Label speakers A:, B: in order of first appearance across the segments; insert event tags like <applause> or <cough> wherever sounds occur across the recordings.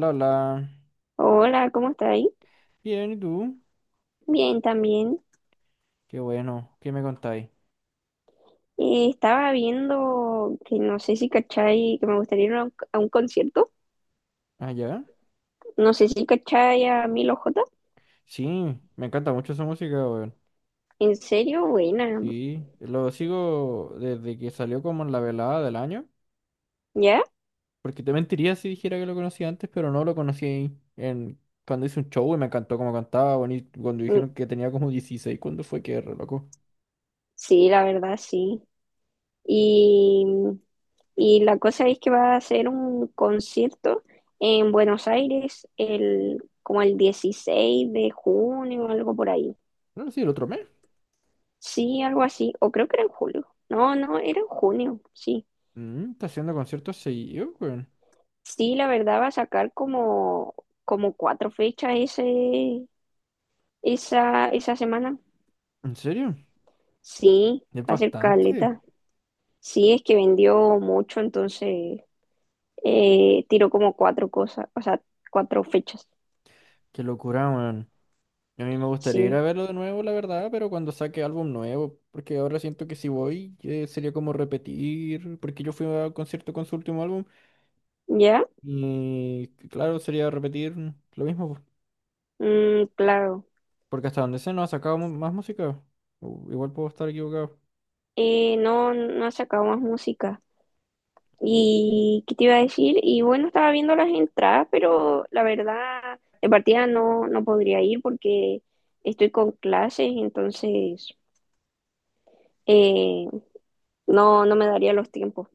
A: Lola,
B: Hola, ¿cómo está ahí?
A: bien, ¿y tú?
B: Bien, también.
A: Qué bueno, ¿qué me contáis?
B: Estaba viendo que no sé si cachai, que me gustaría ir a un concierto.
A: Ah, ya.
B: No sé si cachai a Milo J.
A: Sí, me encanta mucho esa música, weón.
B: En serio, buena.
A: Sí, lo sigo desde que salió como en la velada del año.
B: ¿Ya?
A: Porque te mentiría si dijera que lo conocía antes, pero no lo conocí en cuando hice un show y me encantó cómo cantaba, bonito, cuando
B: Mm,
A: dijeron que tenía como 16, ¿cuándo fue que re loco?
B: sí, la verdad, sí. Y, y la cosa es que va a ser un concierto en Buenos Aires como el 16 de junio, algo por ahí.
A: No, sí, el otro mes.
B: Sí, algo así. O creo que era en julio. No, era en junio, sí.
A: Mm, está haciendo conciertos seguidos, weón.
B: Sí, la verdad va a sacar como cuatro fechas esa semana.
A: ¿En serio?
B: Sí,
A: Es
B: va a ser
A: bastante.
B: caleta. Sí, es que vendió mucho, entonces tiró como cuatro cosas, o sea, cuatro fechas.
A: Qué locura, weón. A mí me gustaría ir a
B: Sí,
A: verlo de nuevo, la verdad, pero cuando saque álbum nuevo, porque ahora siento que si voy sería como repetir, porque yo fui al concierto con su último álbum
B: ¿ya?
A: y claro, sería repetir lo mismo, po,
B: Mm, claro.
A: porque hasta donde sé no ha sacado más música. Igual puedo estar equivocado.
B: No, no ha sacado más música. ¿Y qué te iba a decir? Y bueno, estaba viendo las entradas, pero la verdad, de partida no podría ir porque estoy con clases, entonces Eh, no, no me daría los tiempos.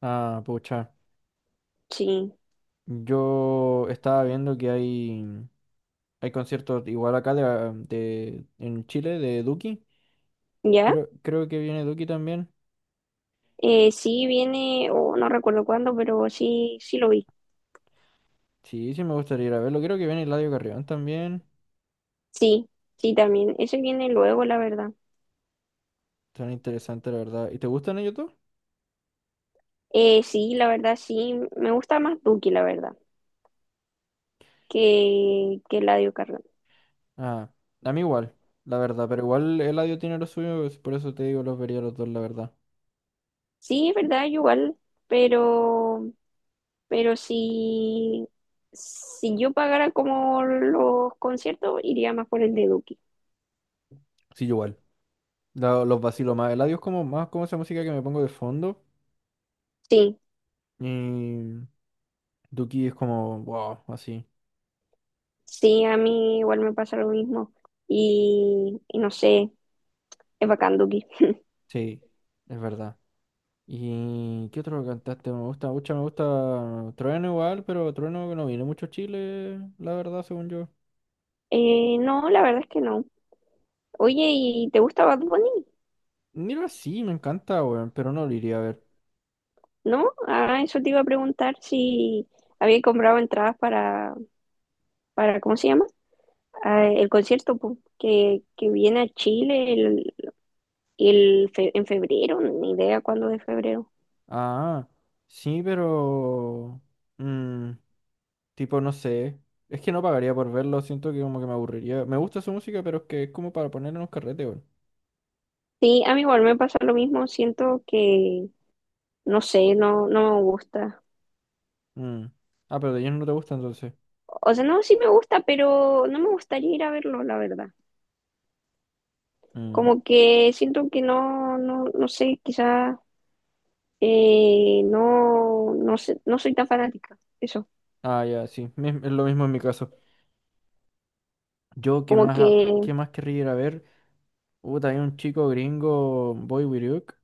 A: Ah, pucha.
B: Sí,
A: Yo estaba viendo que hay conciertos igual acá de, ah, en Chile de Duki.
B: ¿ya?
A: Creo que viene Duki también.
B: Sí viene, o no recuerdo cuándo, pero sí, sí lo vi.
A: Sí, sí me gustaría ir a verlo. Creo que viene Eladio Carrión también.
B: Sí, sí también. Ese viene luego, la verdad.
A: Tan interesante, la verdad. ¿Y te gustan ellos dos?
B: Sí, la verdad, sí. Me gusta más Duki, la verdad, que Eladio Carrión.
A: Ah, a mí igual, la verdad. Pero igual Eladio tiene lo suyo, es por eso te digo, los vería los dos, la verdad.
B: Sí, es verdad, yo igual, pero, pero si yo pagara como los conciertos, iría más por el de Duki.
A: Sí, yo igual. Los vacilo más. Eladio es como más como esa música que me pongo de fondo.
B: Sí,
A: Y Duki es como, wow, así.
B: sí, a mí igual me pasa lo mismo. Y no sé, es bacán, Duki.
A: Sí, es verdad. ¿Y qué otro cantaste? Me gusta mucho, me gusta Trueno igual, pero Trueno no viene mucho a Chile, la verdad, según yo.
B: No, la verdad es que no. Oye, ¿y te gusta Bad Bunny?
A: Mira, sí, me encanta, weón, pero no lo iría a ver.
B: ¿No? Ah, eso te iba a preguntar si había comprado entradas para ¿cómo se llama? Ah, el concierto po, que viene a Chile en febrero, ni idea cuándo de febrero.
A: Ah, sí, pero mm, tipo, no sé. Es que no pagaría por verlo, siento que como que me aburriría. Me gusta su música, pero es que es como para poner en un carrete, weón.
B: Sí, a mí igual me pasa lo mismo, siento que, no sé, no me gusta.
A: Mm. Ah, pero de ellos no te gusta entonces.
B: O sea, no, sí me gusta, pero no me gustaría ir a verlo, la verdad.
A: Mm.
B: Como que siento que no sé, quizás no, no sé, no soy tan fanática. Eso.
A: Ah, ya, sí. Es lo mismo en mi caso. Yo, ¿qué
B: Como
A: más,
B: que,
A: qué más querría ir a ver? Hubo también un chico gringo, Boy Wiruk,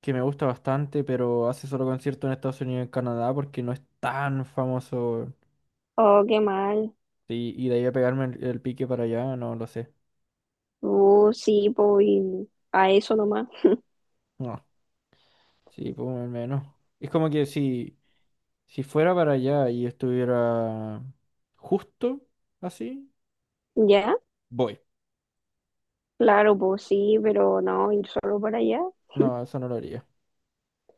A: que me gusta bastante, pero hace solo concierto en Estados Unidos y en Canadá porque no es tan famoso, weón.
B: oh, qué mal.
A: Sí, y de ahí a pegarme el pique para allá, no lo sé.
B: Sí, pues y a eso nomás.
A: No. Sí, pues al menos. Es como que si fuera para allá y estuviera justo así,
B: ¿Ya?
A: voy.
B: Claro, pues sí, pero no, ir solo para allá.
A: No, eso no lo haría.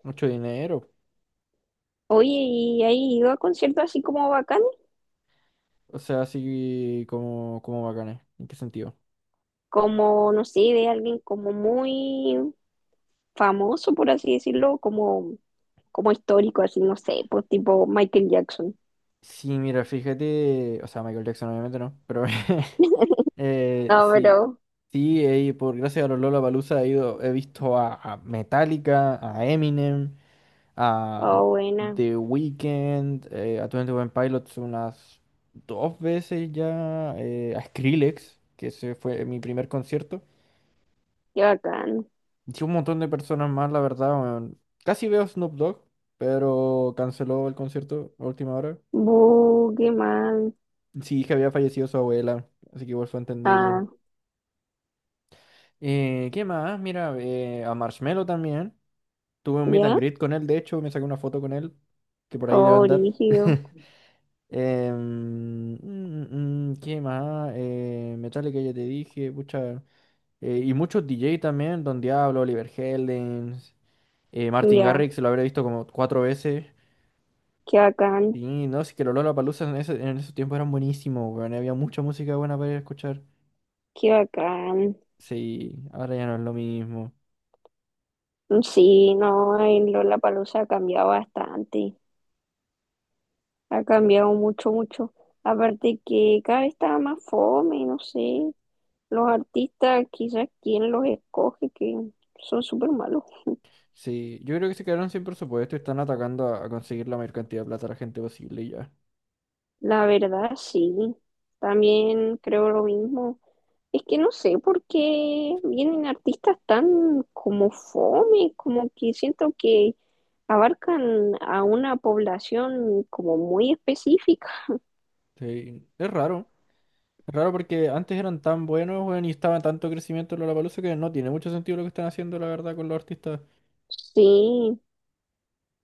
A: Mucho dinero.
B: Oye, ¿y has ido a conciertos así como bacanes?
A: O sea, así como, como bacanes. ¿En qué sentido?
B: Como, no sé, de alguien como muy famoso, por así decirlo, como, como histórico, así, no sé, pues tipo Michael Jackson.
A: Sí, mira, fíjate. O sea, Michael Jackson obviamente no, pero <laughs>
B: No,
A: sí.
B: pero,
A: Sí, por gracias a los Lollapalooza he ido, he visto a Metallica, a Eminem, a
B: oh, buena,
A: The Weeknd, a 21 Pilots unas dos veces ya, a Skrillex, que ese fue mi primer concierto.
B: qué bacán.
A: Y un montón de personas más, la verdad, weón. Casi veo a Snoop Dogg, pero canceló el concierto a última hora.
B: Buh, qué mal.
A: Sí, que había fallecido su abuela, así que igual fue entendible.
B: Ah,
A: ¿Qué más? Mira, a Marshmello también. Tuve un meet and
B: ¿ya?
A: greet con él, de hecho, me saqué una foto con él, que por ahí debe
B: Oh,
A: andar.
B: rígido.
A: <laughs> ¿Qué más? Metallica ya te dije, pucha, y muchos DJ también, Don Diablo, Oliver Heldens, Martin
B: Ya,
A: Garrix, lo habré visto como cuatro veces.
B: qué bacán,
A: Y no, sí que los Lollapaloozas en en esos tiempos eran buenísimos, weón. Había mucha música buena para ir a escuchar.
B: qué bacán.
A: Sí, ahora ya no es lo mismo.
B: Sí, no, en Lollapalooza ha cambiado bastante. Ha cambiado mucho, mucho. Aparte que cada vez está más fome, no sé. Los artistas, quizás quien los escoge, que son súper malos.
A: Sí, yo creo que se quedaron sin presupuesto y están atacando a conseguir la mayor cantidad de plata a la gente posible y ya.
B: La verdad, sí. También creo lo mismo. Es que no sé por qué vienen artistas tan como fome, como que siento que abarcan a una población como muy específica.
A: Sí, es raro. Es raro porque antes eran tan buenos, weón, y estaba tanto crecimiento en Lollapalooza que no tiene mucho sentido lo que están haciendo, la verdad, con los artistas.
B: Sí,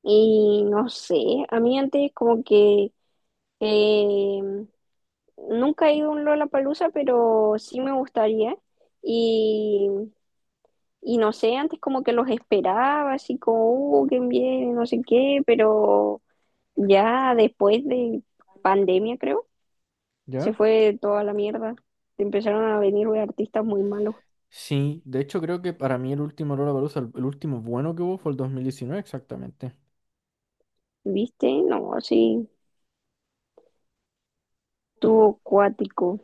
B: y no sé, a mí antes como que eh, nunca he ido a un Lollapalooza, pero sí me gustaría. Y, y no sé, antes como que los esperaba, así como, qué bien, no sé qué, pero ya después de pandemia, creo se
A: ¿Ya?
B: fue toda la mierda. Empezaron a venir güey, artistas muy malos.
A: Sí, de hecho creo que para mí el último Lollapalooza, el último bueno que hubo fue el 2019 exactamente.
B: ¿Viste? No, sí, tuvo cuático.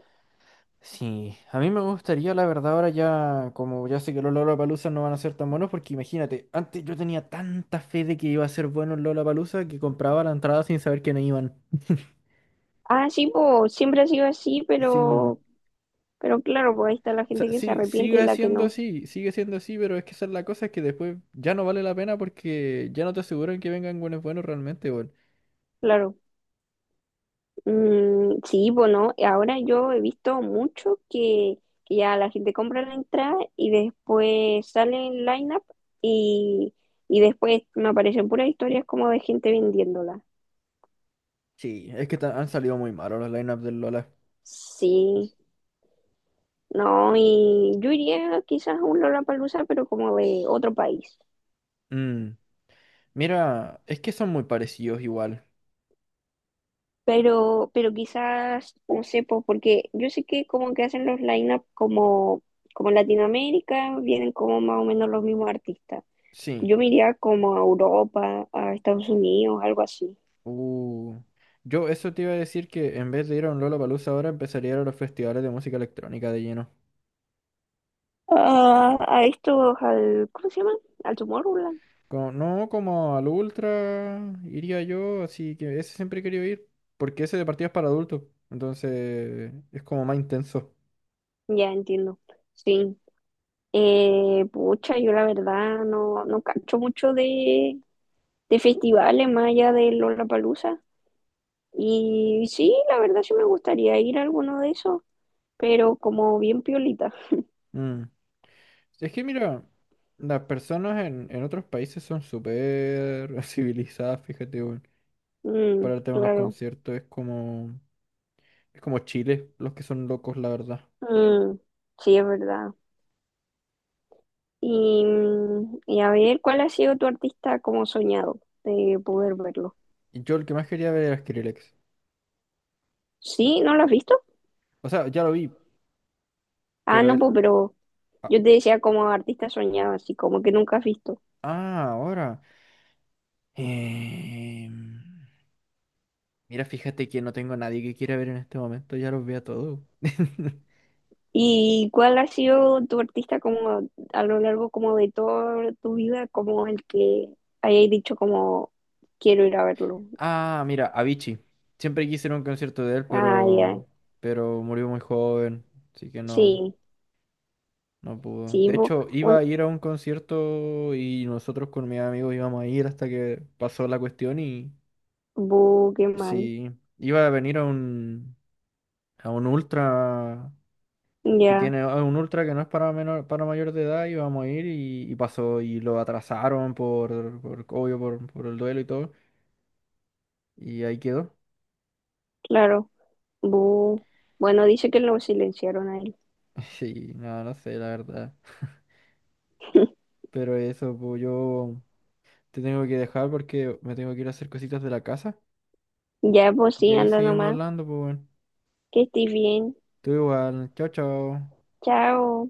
A: Sí, a mí me gustaría, la verdad, ahora ya, como ya sé que los Lollapalooza no van a ser tan buenos, porque imagínate, antes yo tenía tanta fe de que iba a ser bueno el Lollapalooza que compraba la entrada sin saber que no iban.
B: Ah, sí, pues siempre ha sido así,
A: Sí.
B: pero claro, pues ahí está la
A: O
B: gente
A: sea,
B: que se arrepiente y la que no.
A: sigue siendo así, pero es que esa es la cosa, es que después ya no vale la pena porque ya no te aseguran que vengan buenos buenos realmente, weón.
B: Claro. Mm, sí, pues no. Ahora yo he visto mucho que ya la gente compra la entrada y después sale el line-up y, y después me aparecen puras historias como de gente vendiéndola.
A: Sí, es que han salido muy malos los lineups del Lola.
B: Sí. No, y yo iría quizás a un Lollapalooza, pero como de otro país.
A: Mm, mira, es que son muy parecidos igual.
B: Pero quizás, no sé, pues, porque yo sé que como que hacen los line-up como, como Latinoamérica, vienen como más o menos los mismos artistas.
A: Sí.
B: Yo me iría como a Europa, a Estados Unidos, algo así.
A: Uh, yo eso te iba a decir que en vez de ir a un Lollapalooza ahora empezaría a ir a los festivales de música electrónica de lleno.
B: Ah, a estos, al, ¿cómo se llama? Al Tomorrowland.
A: No, como al Ultra iría yo, así que ese siempre he querido ir, porque ese de partidas para adultos, entonces es como más intenso.
B: Ya entiendo. Sí. Pucha, yo la verdad no, no cacho mucho de festivales más allá de Lollapalooza. Y sí, la verdad sí me gustaría ir a alguno de esos, pero como bien piolita.
A: Mm. Es que mira, las personas en otros países son súper <laughs> civilizadas, fíjate, weón.
B: Mm,
A: Para el tema de los
B: claro.
A: conciertos es como Chile, los que son locos, la verdad.
B: Mm, sí, es verdad. Y, mm, y a ver, ¿cuál ha sido tu artista como soñado de poder verlo?
A: Y yo el que más quería ver era Skrillex.
B: ¿Sí? ¿No lo has visto?
A: O sea, ya lo vi,
B: Ah,
A: pero
B: no,
A: él
B: pues, pero
A: Ah,
B: yo te decía como artista soñado, así como que nunca has visto.
A: ahora. Em, Mira, fíjate que no tengo a nadie que quiera ver en este momento, ya los veo a todos. <laughs>
B: ¿Y cuál ha sido tu artista como a lo largo como de toda tu vida, como el que hayas dicho como quiero ir a verlo?
A: Ah, mira, Avicii. Siempre quise ir a un concierto de él,
B: Ay,
A: pero,
B: ay.
A: pero murió muy joven, así que no,
B: Sí,
A: no pudo.
B: sí,
A: De
B: bu,
A: hecho, iba
B: un
A: a ir a un concierto y nosotros con mis amigos íbamos a ir hasta que pasó la cuestión y
B: Boogeyman.
A: sí, iba a venir a un ultra que
B: Ya,
A: tiene a un ultra que no es para menor, para mayor de edad y vamos a ir y pasó y lo atrasaron por obvio por el duelo y todo y ahí quedó.
B: claro. Bu, bueno, dice que lo silenciaron a él.
A: <laughs> Sí, no, no sé la verdad.
B: <laughs>
A: Pero eso, pues yo te tengo que dejar porque me tengo que ir a hacer cositas de la casa.
B: Ya, pues
A: Y
B: sí,
A: ahí
B: anda
A: seguimos
B: nomás.
A: hablando, pues bueno.
B: Que estés bien.
A: Tú igual, chao, chao.
B: Chao.